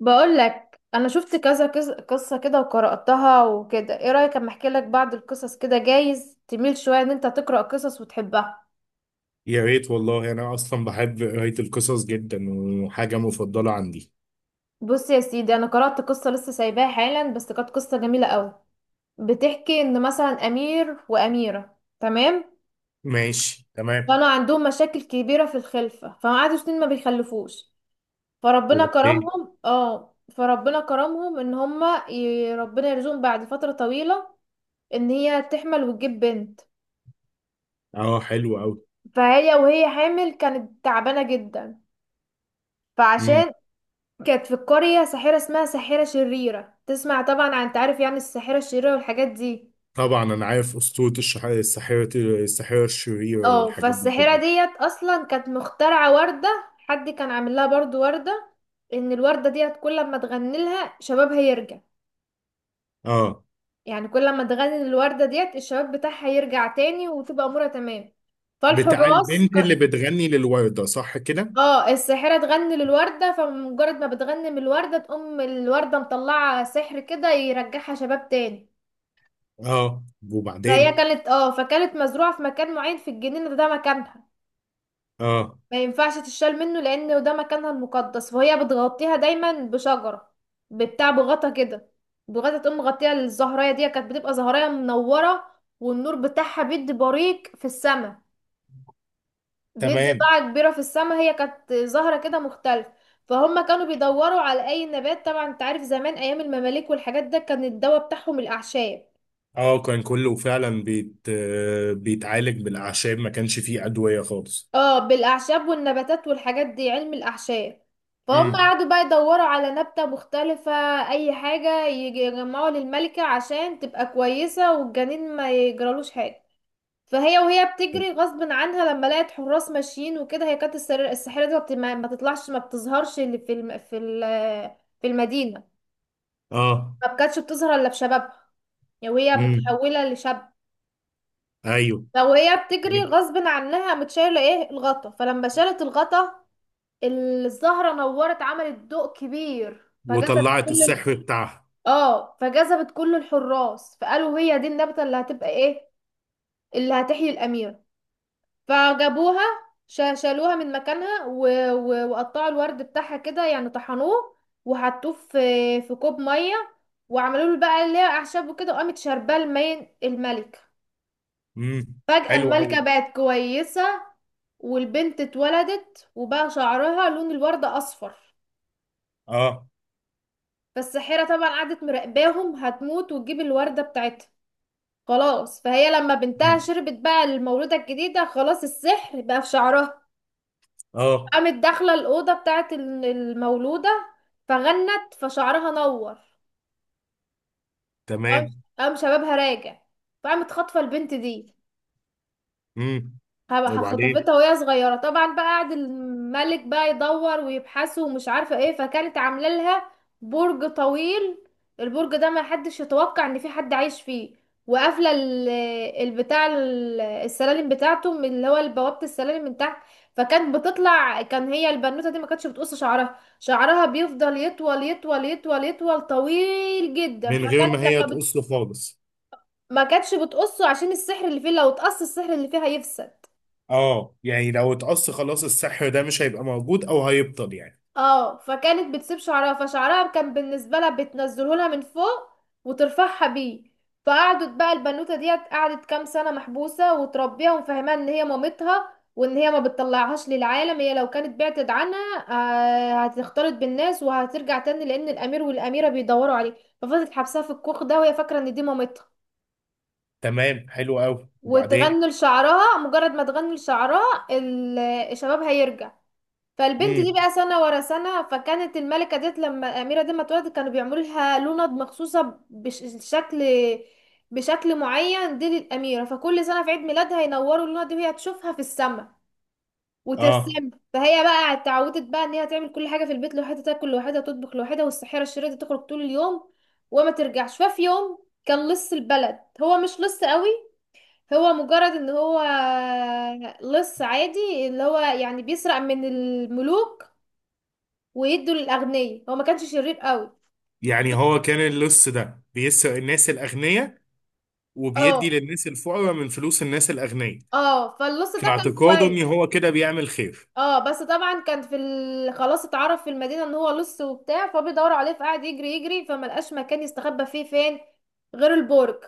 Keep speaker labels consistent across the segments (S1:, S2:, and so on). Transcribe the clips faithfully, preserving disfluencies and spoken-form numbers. S1: بقول لك انا شفت كذا كز- قصه كده وقراتها وكده، ايه رايك اما احكي لك بعض القصص كده؟ جايز تميل شويه ان انت تقرا قصص وتحبها.
S2: يا ريت والله. انا اصلا بحب قرايه القصص جدا وحاجه مفضله عندي.
S1: بص يا سيدي، انا قرات قصه لسه سايباها حالا، بس كانت قصه جميله قوي. بتحكي ان مثلا امير واميره، تمام.
S2: ماشي تمام.
S1: كانوا عندهم مشاكل كبيره في الخلفه، فقعدوا سنين ما بيخلفوش. فربنا
S2: وبعدين؟
S1: كرمهم اه فربنا كرمهم ان هما ي- ربنا يرزقهم بعد فتره طويله. ان هي تحمل وتجيب بنت.
S2: اه، حلو قوي.
S1: فهي وهي حامل كانت تعبانة جدا.
S2: امم.
S1: فعشان. كانت في القرية ساحرة اسمها ساحرة شريرة. تسمع طبعا عن تعرف يعني الساحرة الشريرة والحاجات دي.
S2: طبعا انا عارف اسطوره الشح... الساحره الساحره الشريره
S1: اه،
S2: والحاجات دي
S1: فالساحرة
S2: كلها.
S1: ديت اصلا كانت مخترعة وردة. حد كان عامل لها برضو وردة. ان الوردة ديت كل ما تغني لها شبابها يرجع.
S2: اه،
S1: يعني كل ما تغني الوردة ديت الشباب بتاعها يرجع تاني وتبقى امورها تمام.
S2: بتاع
S1: فالحراس.
S2: البنت اللي بتغني للورده، صح كده؟
S1: اه، الساحرة تغني للوردة، فمجرد ما بتغني من الوردة تقوم الوردة مطلعة سحر كده يرجعها شباب تاني.
S2: اه،
S1: فهي
S2: وبعدين؟
S1: كانت اه فكانت مزروعة في مكان معين في الجنينة ده, ده مكانها.
S2: اه،
S1: ما ينفعش تشال منه، لأنه ده مكانها المقدس، فهي بتغطيها دايما بشجرة. بتاع بغطا كده. بغطا تقوم مغطيها. الزهراية دي كانت بتبقى زهراية منورة. والنور بتاعها بيدي بريق في السما. بيدي
S2: تمام.
S1: ضاعة كبيرة في السماء. هي كانت زهرة كده مختلفة. فهم كانوا بيدوروا على أي نبات. طبعا انت عارف زمان أيام المماليك والحاجات ده كان الدواء بتاعهم الأعشاب.
S2: اه، كان كله فعلا بيت... آه، بيتعالج بالاعشاب، ما كانش فيه ادويه خالص.
S1: اه، بالأعشاب والنباتات والحاجات دي، علم الأعشاب. فهم
S2: امم.
S1: قعدوا بقى يدوروا على نبتة مختلفة. أي حاجة يجي- يجمعوا للملكة عشان تبقى كويسة والجنين ما يجرالوش حاجة. فهي وهي بتجري غصب عنها لما لقت حراس ماشيين وكده. هي كانت السر- الساحرة دي ما بت- ما- ما تطلعش، ما بتظهرش اللي في الم... في ال... في المدينة.
S2: اه.
S1: ما كانتش بتظهر الا في شبابها. يعني وهي
S2: امم.
S1: متحولة لشاب.
S2: ايوه.
S1: فوهي بتجري غصب عنها متشايلة ايه الغطا، فلما شالت الغطا، الزهرة نورت، عملت ضوء كبير، فجذبت
S2: وطلعت
S1: كل ال...
S2: السحر بتاعها.
S1: اه فجذبت كل الحراس، فقالوا هي دي النبتة اللي هتبقى ايه، اللي هتحيي الأمير. فجابوها. ش- شالوها من مكانها و... و... وقطعوا الورد بتاعها كده، يعني طحنوه. وحطوه في في كوب ميه. وعملوا له بقى اللي هي اعشاب وكده، وقامت شارباه المين الملكه.
S2: امم،
S1: فجأة
S2: حلو قوي.
S1: الملكه بقت كويسه. والبنت اتولدت وبقى شعرها لون الوردة أصفر.
S2: اه.
S1: فالساحرة طبعا قعدت مراقباهم، هتموت وتجيب الوردة بتاعتها. خلاص فهي لما بنتها
S2: مم.
S1: شربت، بقى المولودة الجديدة خلاص، السحر بقى في شعرها.
S2: اه،
S1: قامت داخله الاوضه بتاعت ال- المولوده. فغنت، فشعرها نور. وقام
S2: تمام.
S1: قام شبابها راجع. فقامت خاطفه البنت دي.
S2: امم.
S1: هبقى
S2: وبعدين؟
S1: خطفتها وهي صغيرة طبعا. بقى قعد الملك بقى يدور ويبحثه ومش عارفة ايه، فكانت عاملة لها برج طويل. البرج ده ما حدش يتوقع ان في حد عايش فيه. وقافلة ال- البتاع ال- السلالم بتاعته، من اللي هو بوابة السلالم من تحت. فكانت بتطلع. كان هي البنوتة دي ما كانتش بتقص شعرها، شعرها بيفضل يطول يطول يطول يطول طويل جدا،
S2: من غير
S1: فكانت
S2: ما هي
S1: لما بت...
S2: تقص خالص؟
S1: ما كانتش بتقصه عشان السحر اللي فيه لو اتقص السحر اللي فيه هيفسد.
S2: اه، يعني لو اتقص خلاص السحر ده مش هيبقى موجود او هيبطل يعني.
S1: اه، فكانت بتسيب شعرها، فشعرها كان بالنسبه لها بتنزله لها من فوق وترفعها بيه. فقعدت بقى البنوته ديت قعدت كام سنه محبوسه، وتربيها ومفهماها ان هي مامتها، وان هي ما بتطلعهاش للعالم هي لو كانت بعدت عنها، آه، هتختلط بالناس وهترجع تاني، لان الامير والاميره بيدوروا عليه. ففضلت حبسها في الكوخ ده، وهي فاكره ان دي مامتها.
S2: تمام، حلو قوي. وبعدين؟
S1: وتغني لشعرها مجرد ما تغني لشعرها ال- الشباب هيرجع. فالبنت دي
S2: امم.
S1: بقى سنة ورا سنة. فكانت الملكة ديت لما الأميرة دي ما اتولدت كانوا بيعملوا لها لوند مخصوصة بشكل بشكل معين دي للأميرة. فكل سنة في عيد ميلادها ينوروا اللوند دي وهي تشوفها في السماء
S2: اه،
S1: وترسم. فهي بقى اتعودت بقى ان هي تعمل كل حاجة في البيت لوحدها، تاكل لوحدها تطبخ لوحدها، والسحيرة الشريرة دي تخرج طول اليوم وما ترجعش. ففي يوم كان لص البلد، هو مش لص قوي، هو مجرد ان هو لص عادي، اللي هو يعني بيسرق من الملوك ويدوا للاغنياء، هو ما كانش شرير قوي.
S2: يعني هو كان اللص ده بيسرق الناس الاغنياء وبيدي
S1: اه،
S2: للناس الفقراء من فلوس الناس الاغنياء.
S1: اه، فاللص
S2: في
S1: ده كان
S2: اعتقاده
S1: كويس.
S2: ان هو كده بيعمل خير.
S1: اه، بس طبعا كان في ال... خلاص اتعرف في المدينه ان هو لص وبتاع، فبيدوروا عليه، فقعد يجري يجري، فما لقاش مكان يستخبى فيه فين غير البرج.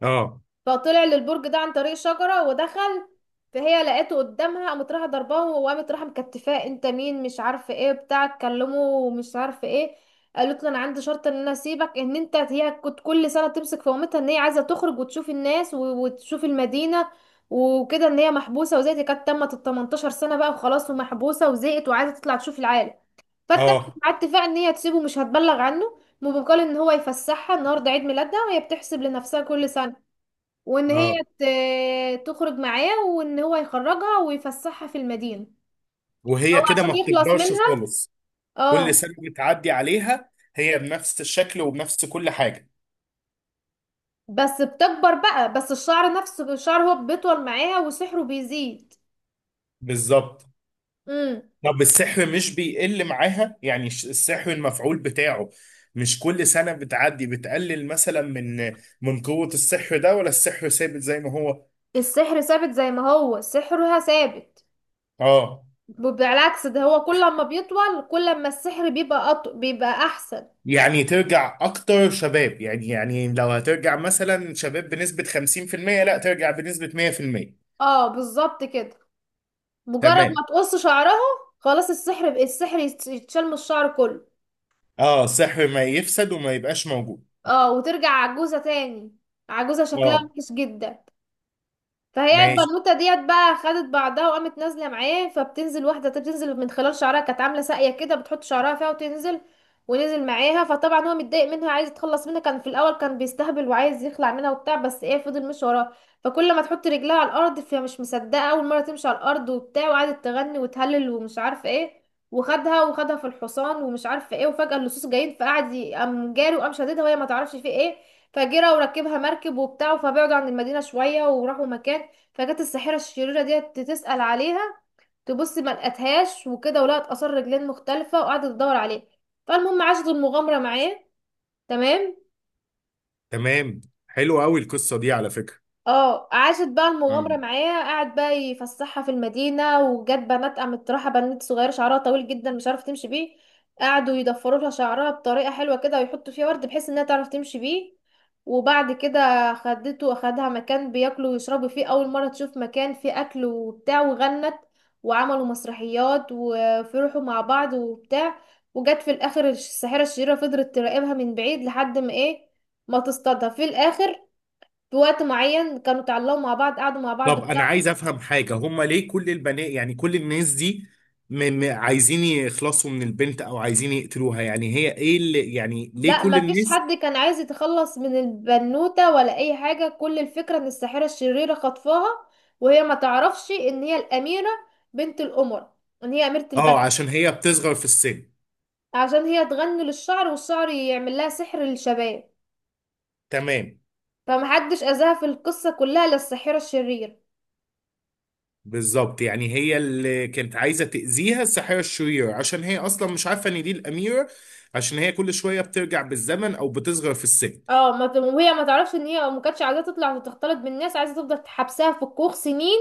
S2: اه.
S1: فطلع للبرج ده عن طريق شجرة ودخل. فهي لقيته قدامها، قامت رايحة ضرباه وقامت رايحة مكتفاه، انت مين؟ مش عارفة ايه بتاع تكلمه ومش عارفة ايه. قالت له انا عندي شرط ان انا اسيبك ان انت، هي كنت كل سنة تمسك في قومتها ان هي عايزة تخرج وتشوف الناس و- وتشوف المدينة وكده، ان هي محبوسة وزهقت. هي كانت تمت ال تمنتاشر سنة بقى وخلاص ومحبوسة وزهقت وعايزة تطلع تشوف العالم. فاتفقت
S2: اه.
S1: مع اتفاق ان هي تسيبه مش هتبلغ عنه، وبمقابل ان هو يفسحها النهارده عيد ميلادها وهي بتحسب لنفسها كل سنة، وان هي
S2: اه.
S1: ت- تخرج معاه وان هو يخرجها ويفسحها في المدينة. هو
S2: وهي كده
S1: عشان
S2: ما
S1: يخلص
S2: بتكبرش
S1: منها.
S2: خالص؟ كل
S1: اه،
S2: سنة بتعدي عليها هي بنفس الشكل وبنفس كل حاجة.
S1: بس بتكبر بقى، بس الشعر نفسه، الشعر هو بيطول معاها وسحره بيزيد.
S2: بالظبط.
S1: امم.
S2: طب السحر مش بيقل معاها، يعني الش- السحر المفعول بتاعه مش كل سنة بتعدي بتقلل مثلا من من قوة السحر ده، ولا السحر ثابت زي ما هو؟
S1: السحر ثابت زي ما هو، سحرها ثابت.
S2: اه،
S1: بالعكس ده هو، كل ما بيطول كل ما السحر بيبقى أط... بيبقى احسن.
S2: يعني ترجع اكتر شباب، يعني يعني لو هترجع مثلا شباب بنسبة خمسين في الميه، لا ترجع بنسبة مية بالمية.
S1: اه، بالظبط كده. مجرد
S2: تمام.
S1: ما تقص شعرها، خلاص السحر السحر يتشال من الشعر كله.
S2: اه، السحر ما يفسد وما يبقاش موجود.
S1: اه، وترجع عجوزة تاني، عجوزة شكلها
S2: اه،
S1: وحش جدا. فهي
S2: ماشي
S1: البنوته ديت بقى خدت بعضها وقامت نازله معاه، فبتنزل، واحده بتنزل من خلال شعرها، كانت عامله ساقيه كده بتحط شعرها فيها وتنزل. ونزل معاها. فطبعا هو متضايق منها، عايز يتخلص منها، كان في الاول كان بيستهبل وعايز يخلع منها وبتاع، بس ايه، فضل مش وراه. فكل ما تحط رجلها على الارض فهي مش مصدقه اول مره تمشي على الارض وبتاع، وقعدت تغني وتهلل ومش عارفه ايه. وخدها وخدها في الحصان ومش عارفه ايه، وفجاه اللصوص جايين، فقعد ي- قام جاري وقام شددها، وهي ما تعرفش في ايه. فجرى وركبها مركب وبتاع، فبعدوا عن المدينه شويه وراحوا مكان. فجت الساحرة الشريرة ديت تسأل عليها، تبص ما لقتهاش وكده، ولقت آثار رجلين مختلفة، وقعدت تدور عليه. فالمهم عاشت المغامرة معاه. تمام.
S2: تمام. حلو قوي القصه دي على فكره.
S1: اه، عاشت بقى
S2: اه.
S1: المغامرة معاه، قعد بقى يفسحها في المدينة، وجات بنات، قامت رايحة بنت صغيرة شعرها طويل جدا مش عارفة تمشي بيه، قعدوا يضفروا لها شعرها بطريقة حلوة كده ويحطوا فيها ورد بحيث انها تعرف تمشي بيه. وبعد كده خدته واخدها مكان بياكلوا ويشربوا فيه، اول مرة تشوف مكان فيه اكل وبتاع، وغنت، وعملوا مسرحيات وفرحوا مع بعض وبتاع. وجت في الاخر الساحرة الشريرة، فضلت تراقبها من بعيد لحد ما ايه، ما تصطادها في الاخر. في وقت معين كانوا اتعلقوا مع بعض، قعدوا مع بعض
S2: طب
S1: بتاع.
S2: انا عايز افهم حاجه، هما ليه كل البنات، يعني كل الناس دي، م... م... عايزين يخلصوا من البنت او عايزين يقتلوها؟ يعني هي ايه اللي، يعني ليه
S1: لا،
S2: كل
S1: ما فيش
S2: الناس؟
S1: حد كان عايز يتخلص من البنوتة ولا اي حاجة، كل الفكرة ان الساحرة الشريرة خطفاها وهي ما تعرفش ان هي الأميرة، بنت القمر، ان هي أميرة
S2: اه،
S1: البلد.
S2: عشان هي بتصغر في السن.
S1: عشان هي تغني للشعر والشعر يعمل لها سحر للشباب.
S2: تمام.
S1: فمحدش أذاها في القصة كلها، للساحرة الشريرة.
S2: بالظبط، يعني هي اللي كانت عايزه تاذيها الساحره الشريره، عشان هي اصلا مش عارفه ان دي الاميره، عشان هي كل شويه بترجع بالزمن او بتصغر في السن.
S1: اه، ما ت- وهي ما تعرفش ان هي، ما كانتش عايزة تطلع وتختلط بالناس، عايزة تفضل حبسها في الكوخ سنين،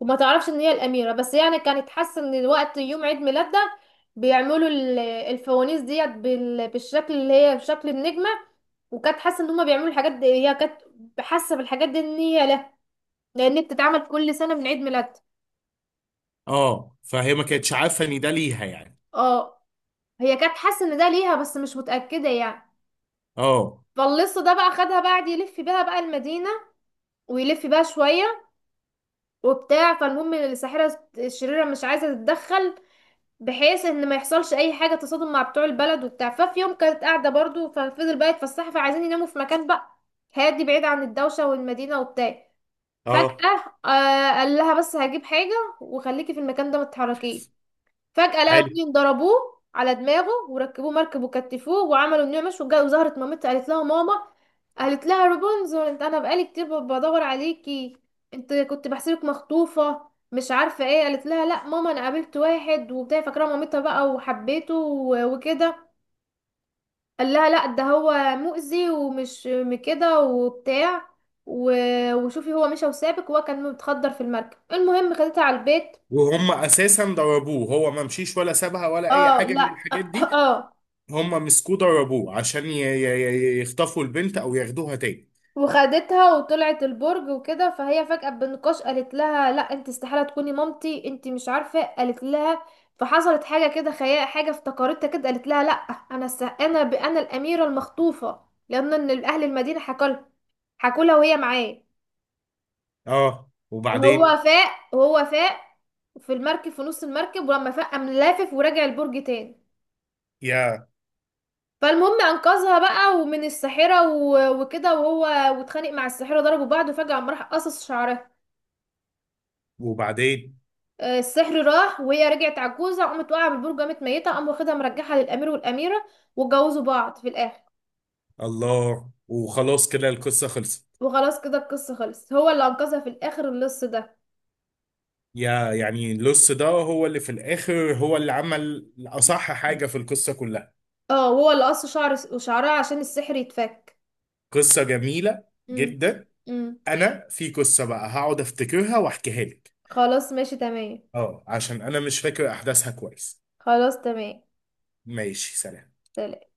S1: وما تعرفش ان هي الاميره، بس يعني كانت حاسه ان وقت يوم عيد ميلادها بيعملوا ال- الفوانيس ديت بال- بالشكل اللي هي بشكل النجمه، وكانت حاسه ان هما بيعملوا الحاجات دي، هي كانت حاسه بالحاجات دي ان هي، لا، لان بتتعمل كل سنه من عيد ميلادها.
S2: اه، فهي ما كانتش عارفه ان ده ليها يعني.
S1: اه، هي كانت حاسه ان ده ليها بس مش متاكده يعني.
S2: اه.
S1: فاللص ده بقى خدها بعد يلف بيها بقى المدينه، ويلف بيها شويه وبتاع. فالمهم الساحره الشريره مش عايزه تتدخل، بحيث ان ما يحصلش اي حاجه تصادم مع بتوع البلد وبتاع. ففي يوم كانت قاعده برضو، ففضل بقى يتفسحوا، فعايزين يناموا في مكان بقى هادي بعيد عن الدوشه والمدينه وبتاع.
S2: اه،
S1: فجاه آه قال لها بس هجيب حاجه وخليكي في المكان ده ما تتحركيش. فجأة لقى
S2: حلو.
S1: اتنين ضربوه على دماغه وركبوه مركب وكتفوه، وعملوا انه مش وجا- وظهرت مامتها، قالت لها ماما. قالت لها رابنزل، انت انا بقالي كتير ب- بدور عليكي، انت كنت بحسبك مخطوفة مش عارفة ايه. قالت لها لا ماما، انا قابلت واحد وبتاع، فاكرة مامتها بقى، وحبيته و- وكده. قال لها لا ده هو مؤذي ومش م- كده وبتاع، و- وشوفي هو مشى وسابك، وهو كان متخدر في المركب. المهم خدتها على البيت.
S2: وهم اساسا ضربوه، هو ما مشيش ولا سابها ولا اي
S1: اه،
S2: حاجه من
S1: لا
S2: الحاجات دي.
S1: اه.
S2: هم مسكوه ضربوه عشان ي- ي- ي- يخطفوا البنت او ياخدوها تاني.
S1: وخدتها وطلعت البرج وكده، فهي فجأة بالنقاش قالت لها لا انت استحالة تكوني مامتي، انت مش عارفة. قالت لها، فحصلت حاجة كده، خيال حاجة افتكرتها كده، قالت لها لا، انا س... انا ب... انا الأميرة المخطوفة، لأن ان اهل المدينة حكوا لها، حكوا لها وهي معاه.
S2: اه، وبعدين؟
S1: وهو فاق وهو فاق في المركب، في نص المركب، ولما فاق قام لافف ورجع البرج تاني.
S2: يا،
S1: فالمهم انقذها بقى ومن الساحرة و... وكده، وهو واتخانق مع الساحرة، ضربوا بعض، وفجأة قام راح قصص شعرها.
S2: وبعدين؟
S1: آه، السحر راح وهي رجعت عجوزة، قامت واقعة بالبرج قامت ميتة. قام واخدها مرجعها للأمير والأميرة، واتجوزوا بعض في الآخر.
S2: الله. وخلاص كده القصه خلصت.
S1: وخلاص كده القصة خلصت، هو اللي أنقذها في الآخر اللص ده.
S2: يا، يعني اللص ده هو اللي في الاخر هو اللي عمل اصح حاجه في القصه كلها.
S1: اه، هو اللي قص شعر وشعرها عشان السحر يتفك.
S2: قصه جميله
S1: امم.
S2: جدا.
S1: امم.
S2: انا في قصه بقى هقعد افتكرها واحكيها لك.
S1: خلاص، ماشي تمام.
S2: اه، عشان انا مش فاكر احداثها كويس.
S1: خلاص تمام،
S2: ماشي، سلام.
S1: سلام.